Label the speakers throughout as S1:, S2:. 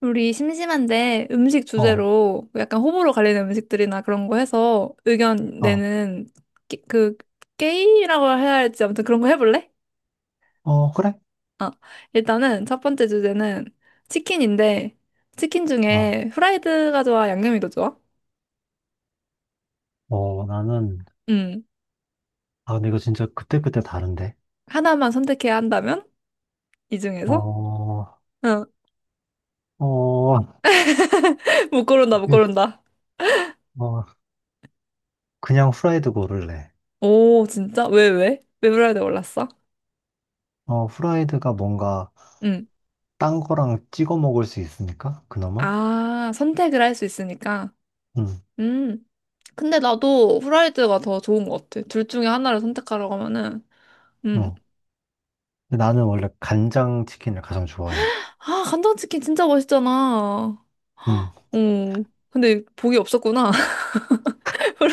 S1: 우리 심심한데 음식
S2: 어,
S1: 주제로 약간 호불호 갈리는 음식들이나 그런 거 해서 의견
S2: 어,
S1: 내는 그 게임이라고 해야 할지 아무튼 그런 거 해볼래?
S2: 그래?
S1: 어. 일단은 첫 번째 주제는 치킨인데 치킨
S2: 어,
S1: 중에 후라이드가 좋아, 양념이 더 좋아?
S2: 나는,
S1: 음.
S2: 근데 이거 진짜 그때그때 다른데?
S1: 하나만 선택해야 한다면 이
S2: 어,
S1: 중에서?
S2: 어,
S1: 어. 못 고른다, 못
S2: 으,
S1: 고른다.
S2: 어, 그냥 후라이드 고를래.
S1: 오, 진짜? 왜, 왜? 왜 후라이드 골랐어?
S2: 후라이드가 뭔가
S1: 음.
S2: 딴 거랑 찍어 먹을 수 있으니까, 그나마?
S1: 아, 선택을 할 수 있으니까.
S2: 응,
S1: 음. 근데 나도 후라이드가 더 좋은 것 같아. 둘 중에 하나를 선택하라고 하면은, 음.
S2: 어. 근데 나는 원래 간장 치킨을 가장 좋아해.
S1: 아, 간장치킨 진짜 맛있잖아.
S2: 응,
S1: 어. 근데 복이 없었구나.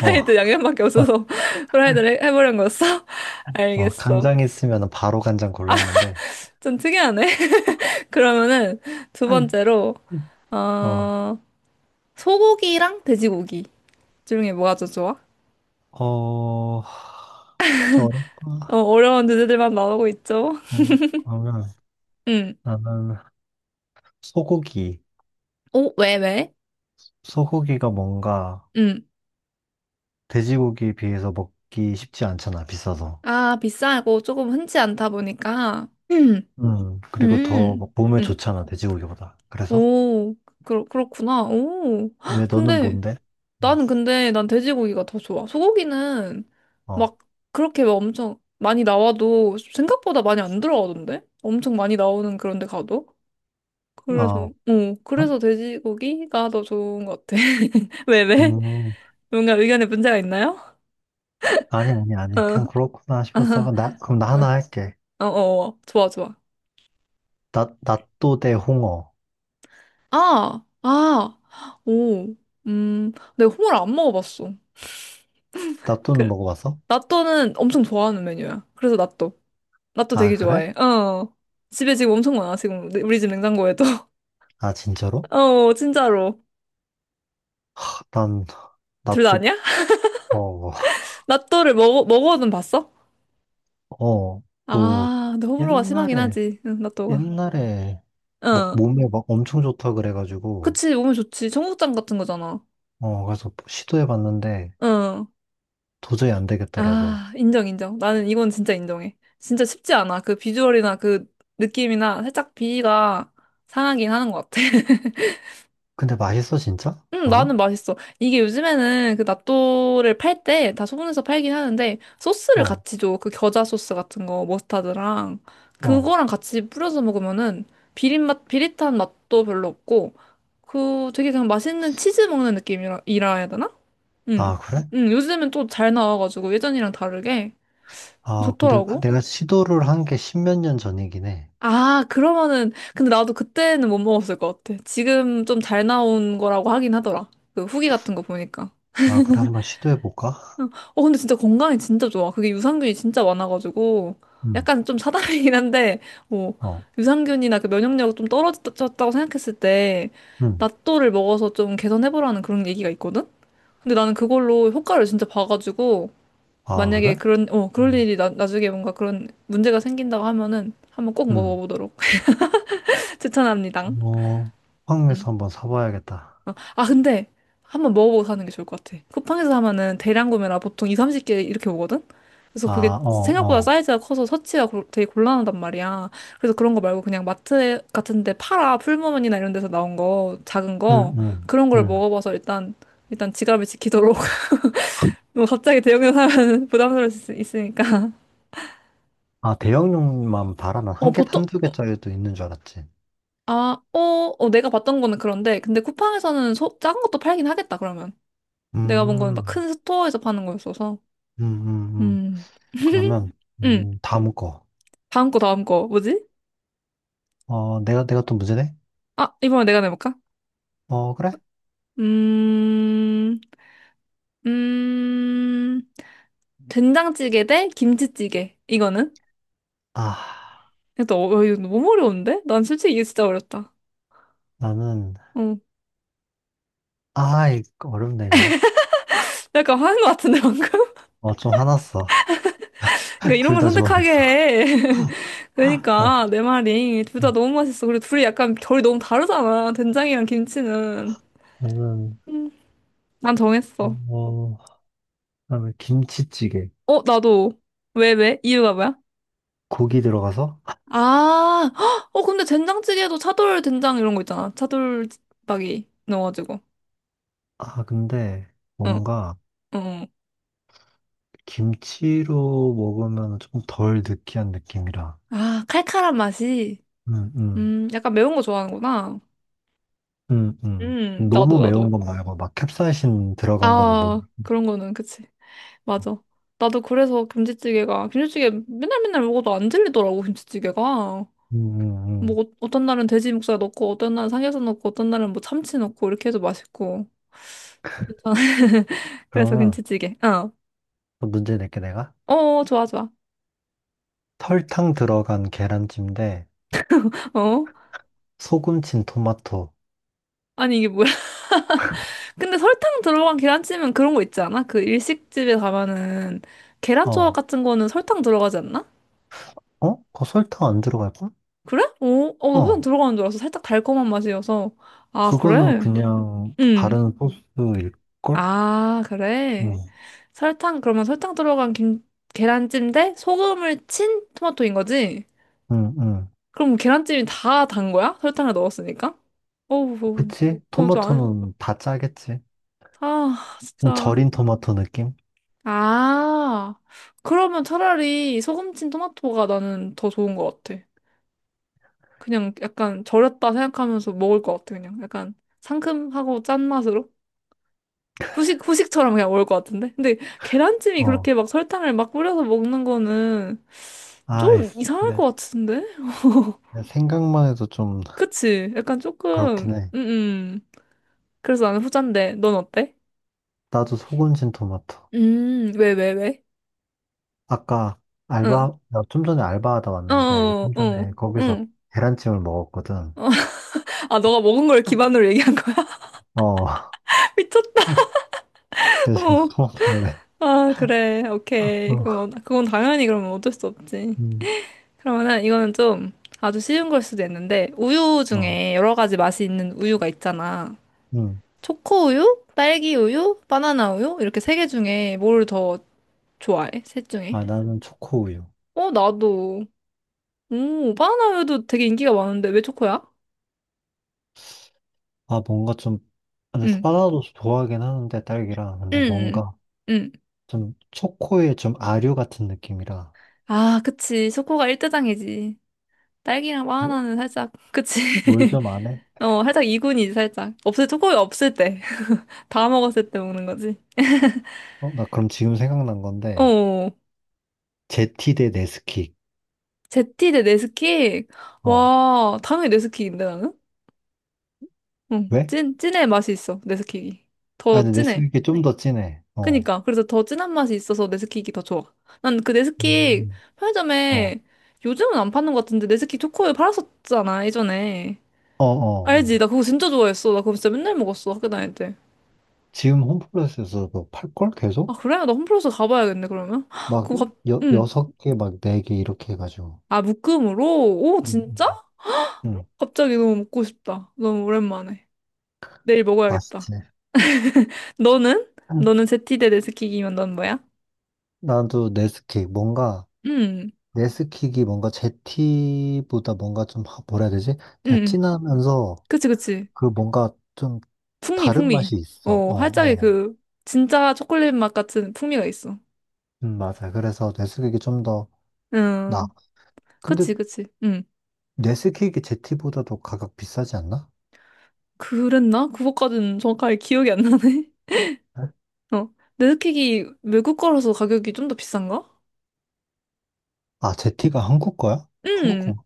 S2: 어,
S1: 양념밖에 없어서 해보려는 거였어? 알겠어.
S2: 간장 있으면 바로 간장 골랐는데,
S1: 좀 특이하네. 그러면은 두
S2: 음,
S1: 번째로,
S2: 음. 어,
S1: 어, 소고기랑 돼지고기 중에 뭐가 더 좋아?
S2: 어, 저,
S1: 어, 어려운 주제들만 나오고 있죠?
S2: 어, 그러면
S1: 음.
S2: 나는 소고기.
S1: 오, 왜, 왜?
S2: 소고기가 뭔가
S1: 음.
S2: 돼지고기에 비해서 먹기 쉽지 않잖아, 비싸서.
S1: 아, 비싸고 조금 흔치 않다 보니까.
S2: 그리고
S1: 음, 음,
S2: 더막 몸에 좋잖아, 돼지고기보다. 그래서?
S1: 오, 그렇구나. 오,
S2: 왜
S1: 헉,
S2: 너는
S1: 근데
S2: 뭔데? 어,
S1: 나는 근데 난 돼지고기가 더 좋아. 소고기는
S2: 어,
S1: 막 그렇게 막 엄청 많이 나와도 생각보다 많이 안 들어가던데? 엄청 많이 나오는 그런 데 가도? 그래서,
S2: 어.
S1: 어, 그래서 돼지고기가 더 좋은 것 같아. 왜, 왜?
S2: 음,
S1: 뭔가 의견에 문제가 있나요?
S2: 아니, 아니, 아니.
S1: 어,
S2: 그냥 그렇구나 싶었어. 나, 그럼 나 하나 할게.
S1: 아, 어, 어, 어, 좋아, 좋아.
S2: 나, 낫또 대 홍어.
S1: 아, 아, 오, 내가 홍어를 안 먹어봤어.
S2: 낫또는 먹어봤어?
S1: 라또는 엄청 좋아하는 메뉴야. 그래서 라또. 라또
S2: 아,
S1: 되게 좋아해.
S2: 그래?
S1: 어. 집에 지금 엄청 많아, 지금. 우리 집 냉장고에도.
S2: 아, 진짜로?
S1: 어, 진짜로.
S2: 난,
S1: 둘 다
S2: 낫또,
S1: 아니야?
S2: 어,
S1: 먹어는 봤어?
S2: 어, 그,
S1: 아, 근데 호불호가 심하긴
S2: 옛날에
S1: 하지. 응, 라또가.
S2: 옛날에 막
S1: 어.
S2: 몸에 막 엄청 좋다 그래가지고
S1: 그치, 몸에 좋지. 청국장 같은 거잖아.
S2: 가서 시도해봤는데
S1: 어.
S2: 도저히 안 되겠더라고.
S1: 아, 인정, 인정. 나는 이건 진짜 인정해. 진짜 쉽지 않아. 그 비주얼이나 그 느낌이나 살짝 비위가 상하긴 하는 것 같아.
S2: 근데 맛있어 진짜?
S1: 나는
S2: 너는?
S1: 맛있어. 이게 요즘에는 그 낫또를 팔 때 다 소분해서 팔긴 하는데 소스를
S2: 어,
S1: 같이 줘. 그 겨자 소스 같은 거, 머스타드랑
S2: 어.
S1: 그거랑 같이 뿌려서 먹으면은 비린 맛, 비릿한 맛도 별로 없고 그 되게 그냥 맛있는 치즈 먹는 느낌이라 이라 해야 되나? 응.
S2: 아 그래?
S1: 응, 요즘엔 또 잘 나와가지고 예전이랑 다르게
S2: 아 근데
S1: 좋더라고.
S2: 내가 시도를 한 게 십몇 년 전이긴 해.
S1: 아, 그러면은 근데 나도 그때는 못 먹었을 것 같아. 지금 좀 잘 나온 거라고 하긴 하더라. 그 후기 같은 거 보니까.
S2: 아 그래 한번 시도해볼까?
S1: 응. 어, 근데 진짜 건강에 진짜 좋아. 그게 유산균이 진짜 많아가지고,
S2: 음,
S1: 약간 좀 사담이긴 한데, 뭐,
S2: 어,
S1: 유산균이나 그 면역력 좀 떨어졌다고 생각했을 때,
S2: 음.
S1: 낫또를 먹어서 좀 개선해보라는 그런 얘기가 있거든? 근데 나는 그걸로 효과를 진짜 봐가지고,
S2: 아
S1: 만약에
S2: 그래?
S1: 그런, 어,
S2: 음,
S1: 나중에 뭔가 그런 문제가 생긴다고 하면은, 한번 꼭
S2: 음.
S1: 먹어보도록 추천합니다.
S2: 어,
S1: 음.
S2: 황에서 한번 사봐야겠다.
S1: 어, 아, 근데 한번 먹어보고 사는 게 좋을 것 같아. 쿠팡에서 사면은 대량 구매라 보통 2, 30개 이렇게 오거든? 그래서
S2: 아,
S1: 그게
S2: 어,
S1: 생각보다
S2: 어.
S1: 사이즈가 커서 서치가 고- 되게 곤란하단 말이야. 그래서 그런 거 말고 그냥 마트 같은 데 팔아. 풀무원이나 이런 데서 나온 거, 작은 거.
S2: 음, 음,
S1: 그런 걸
S2: 음.
S1: 먹어봐서 일단, 일단 지갑을 지키도록. 뭐 갑자기 대형에서 사면 부담스러울 수 있- 있으니까.
S2: 아 대형용만 바라면
S1: 어,
S2: 한 개, 한 두 개짜리도 있는 줄 알았지.
S1: 아, 어, 어, 내가 봤던 거는 그런데. 근데 쿠팡에서는 작은 것도 팔긴 하겠다, 그러면. 내가 본 거는 막
S2: 음,
S1: 큰 스토어에서 파는 거였어서.
S2: 음, 음, 음.
S1: 음.
S2: 그러면,
S1: 음.
S2: 다음 거.
S1: 다음 거, 다음 거. 뭐지?
S2: 내가 또 문제 네
S1: 아, 이번에 내가 내볼까?
S2: 어, 그래?
S1: 음, 음, 된장찌개 대 김치찌개. 이거는?
S2: 아,
S1: 또, 어, 이거 너무 어려운데? 난 솔직히 이게 진짜 어렵다.
S2: 나는,
S1: 어,
S2: 아, 이거 어렵네, 이거.
S1: 약간 화난 것 같은데, 방금?
S2: 어, 좀 화났어.
S1: 그러니까 이런
S2: 둘
S1: 걸
S2: 다
S1: 선택하게
S2: 좋아했어.
S1: 해.
S2: 아,
S1: 그러니까, 내 말이. 둘 다 너무 맛있어. 그리고 둘이 약간 결이 너무 다르잖아. 된장이랑 김치는.
S2: 나는,
S1: 난 정했어.
S2: 어, 그다음에 김치찌개.
S1: 어, 나도. 왜, 왜? 이유가 뭐야?
S2: 고기 들어가서?
S1: 아, 헉! 어, 근데 된장찌개도 차돌 된장 이런 거 있잖아. 차돌박이 넣어가지고.
S2: 아, 근데,
S1: 어, 어,
S2: 뭔가,
S1: 어.
S2: 김치로 먹으면 조금 덜 느끼한 느낌이라.
S1: 아, 칼칼한 맛이.
S2: 음, 음,
S1: 약간 매운 거 좋아하는구나.
S2: 음, 음.
S1: 나도,
S2: 너무
S1: 나도.
S2: 매운 건 말고, 막 캡사이신 들어간 건 못.
S1: 아, 그런 거는, 그치. 맞아. 나도 그래서 김치찌개가, 김치찌개 맨날 맨날 먹어도 안 질리더라고, 김치찌개가.
S2: 음, 음, 음.
S1: 어떤 날은 돼지 목살 넣고, 어떤 날은 삼겹살 넣고, 어떤 날은 뭐 참치 넣고, 이렇게 해도 맛있고. 괜찮아. 그래서
S2: 그러면
S1: 김치찌개. 어.
S2: 또 문제 낼게 내가.
S1: 어, 좋아, 좋아.
S2: 설탕 들어간 계란찜 대
S1: 어?
S2: 소금 친 토마토.
S1: 아니 이게 뭐야? 근데 설탕 들어간 계란찜은 그런 거 있지 않아? 그 일식집에 가면은 계란 조각
S2: 어,
S1: 같은 거는 설탕 들어가지 않나?
S2: 어? 그 설탕 안 들어갈걸?
S1: 그래? 어, 어, 나 설탕
S2: 어,
S1: 들어가는 줄 알았어. 살짝 달콤한 맛이어서. 아,
S2: 그거는
S1: 그래?
S2: 그냥
S1: 응.
S2: 바른 소스일걸?
S1: 아, 그래.
S2: 응,
S1: 설탕 그러면 설탕 들어간 김 계란찜 대 소금을 친 토마토인 거지?
S2: 응, 응.
S1: 그럼 계란찜이 다 단 거야? 설탕을 넣었으니까? 어우,
S2: 그치?
S1: 그럼 좀 안,
S2: 토마토는 다 짜겠지.
S1: 아,
S2: 좀
S1: 진짜.
S2: 절인 토마토 느낌?
S1: 아, 그러면 차라리 소금친 토마토가 나는 더 좋은 것 같아. 그냥 약간 절였다 생각하면서 먹을 것 같아, 그냥. 약간 상큼하고 짠 맛으로. 후식, 후식처럼 그냥 먹을 것 같은데? 근데 계란찜이
S2: 어,
S1: 그렇게 막 설탕을 막 뿌려서 먹는 거는 좀
S2: 아이씨.
S1: 이상할
S2: 네.
S1: 것 같은데?
S2: 생각만 해도 좀
S1: 그치? 약간 조금,
S2: 그렇긴 해.
S1: 그래서 나는 후잔데, 넌 어때?
S2: 나도 소금 친 토마토.
S1: 왜, 왜, 왜?
S2: 아까
S1: 응.
S2: 나 좀 전에 알바하다
S1: 어,
S2: 왔는데,
S1: 어,
S2: 좀
S1: 어,
S2: 전에 거기서
S1: 응.
S2: 계란찜을 먹었거든.
S1: 어. 아, 너가 먹은 걸 기반으로 얘기한 거야?
S2: 어,
S1: 미쳤다.
S2: 그래서
S1: 어,
S2: 토마토 할래.
S1: 아, 그래. 오케이.
S2: 어,
S1: 그건 당연히 그러면 어쩔 수 없지.
S2: 음,
S1: 그러면은 이거는 좀 아주 쉬운 걸 수도 있는데, 우유
S2: 어,
S1: 중에 여러 가지 맛이 있는 우유가 있잖아.
S2: 음.
S1: 초코 우유, 딸기 우유, 바나나 우유? 이렇게 세 개 중에 뭘 더 좋아해? 셋 중에?
S2: 아, 나는 초코우유.
S1: 어, 나도. 오, 바나나 우유도 되게 인기가 많은데 왜 초코야?
S2: 아, 뭔가 좀, 아, 근데 사
S1: 응,
S2: 나도 좋아하긴 하는데, 딸기랑. 근데
S1: 응,
S2: 뭔가
S1: 응.
S2: 좀 초코의 좀 아류 같은 느낌이라.
S1: 아, 그치. 초코가 일대장이지. 딸기랑
S2: 뭐,
S1: 바나나는 살짝, 그치.
S2: 뭘 좀 안 해?
S1: 어, 살짝 이군이지, 살짝. 없을, 때, 거의 없을 때. 다 먹었을 때 먹는 거지.
S2: 어, 나 그럼 지금 생각난 건데,
S1: 어,
S2: 제티 대 네스킥.
S1: 제티 대 네스킥.
S2: 어,
S1: 와, 당연히 네스킥인데, 나는? 응,
S2: 왜?
S1: 찐, 찐의 맛이 있어, 네스킥이.
S2: 아,
S1: 더
S2: 근데
S1: 진해.
S2: 네스킥이 좀 더 진해. 어,
S1: 그니까, 그래서 더 진한 맛이 있어서 네스킥이 더 좋아. 난 그 네스킥
S2: 음. 어,
S1: 편의점에 요즘은 안 파는 것 같은데, 네스킥 초코우유 팔았었잖아, 예전에.
S2: 어, 어.
S1: 알지?
S2: 어.
S1: 나 그거 진짜 좋아했어. 나 그거 진짜 맨날 먹었어, 학교 다닐 때.
S2: 지금 홈플러스에서도 팔걸
S1: 아,
S2: 계속?
S1: 그래? 나 홈플러스 가봐야겠네, 그러면.
S2: 막
S1: 그거 갑, 응.
S2: 여섯 개, 막 네 개 이렇게 해가지고.
S1: 아, 묶음으로? 오, 진짜?
S2: 음, 음, 음,
S1: 갑자기 너무 먹고 싶다. 너무 오랜만에. 내일 먹어야겠다.
S2: 맛있지.
S1: 너는?
S2: 음.
S1: 너는 제티대 네스키기면 넌 뭐야?
S2: 나도 네스킥, 뭔가,
S1: 음,
S2: 네스킥이 뭔가 제티보다 뭔가 좀, 뭐라 해야 되지?
S1: 음,
S2: 그냥
S1: 음.
S2: 진하면서
S1: 그치, 그치.
S2: 그 뭔가 좀
S1: 풍미,
S2: 다른 맛이
S1: 풍미.
S2: 있어.
S1: 어,
S2: 어,
S1: 활짝의
S2: 어.
S1: 그, 진짜 초콜릿 맛 같은 풍미가 있어.
S2: 맞아. 그래서 네스킥이 좀 더 나.
S1: 음,
S2: 근데
S1: 그치, 그치. 음.
S2: 네스킥이 제티보다도 가격 비싸지 않나?
S1: 그랬나? 그거까지는 정확하게 기억이 안 나네.
S2: 네?
S1: 어. 네스킥이 외국 거라서 가격이 좀 더 비싼가?
S2: 아, 제티가 한국 거야? 한국 거
S1: 음.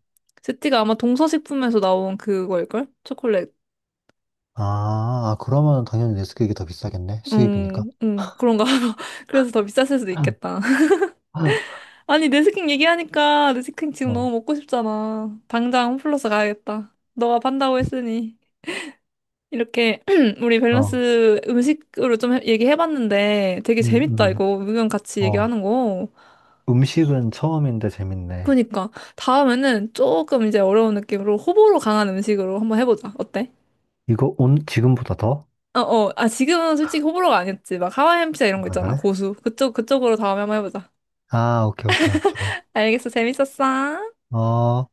S1: 제티가 아마 동서식품에서 나온 그거일걸? 초콜릿.
S2: 아, 아, 그러면 당연히 네스킥이 더 비싸겠네. 수입이니까.
S1: 그런가 봐. 그래서 더 비쌌을 수도 있겠다. 아니, 내스킨 얘기하니까 내스킨 지금
S2: 어,
S1: 너무 먹고 싶잖아. 당장 홈플러스 가야겠다. 너가 판다고 했으니. 이렇게 우리
S2: 어,
S1: 밸런스 음식으로 좀 해- 얘기해봤는데 되게
S2: 음,
S1: 재밌다,
S2: 음,
S1: 이거. 의견 같이
S2: 어.
S1: 얘기하는 거.
S2: 음식은 처음인데 재밌네.
S1: 그러니까 다음에는 조금 이제 어려운 느낌으로 호불호 강한 음식으로 한번 해보자. 어때?
S2: 이거 온, 지금보다 더?
S1: 어, 어. 아, 지금은 솔직히 호불호가 아니었지. 막 하와이안 피자 이런 거
S2: 아,
S1: 있잖아.
S2: 그래?
S1: 고수. 그쪽, 그쪽으로 다음에 한번 해보자.
S2: 아, 오케이, 오케이. 좋아.
S1: 알겠어. 재밌었어.
S2: 어,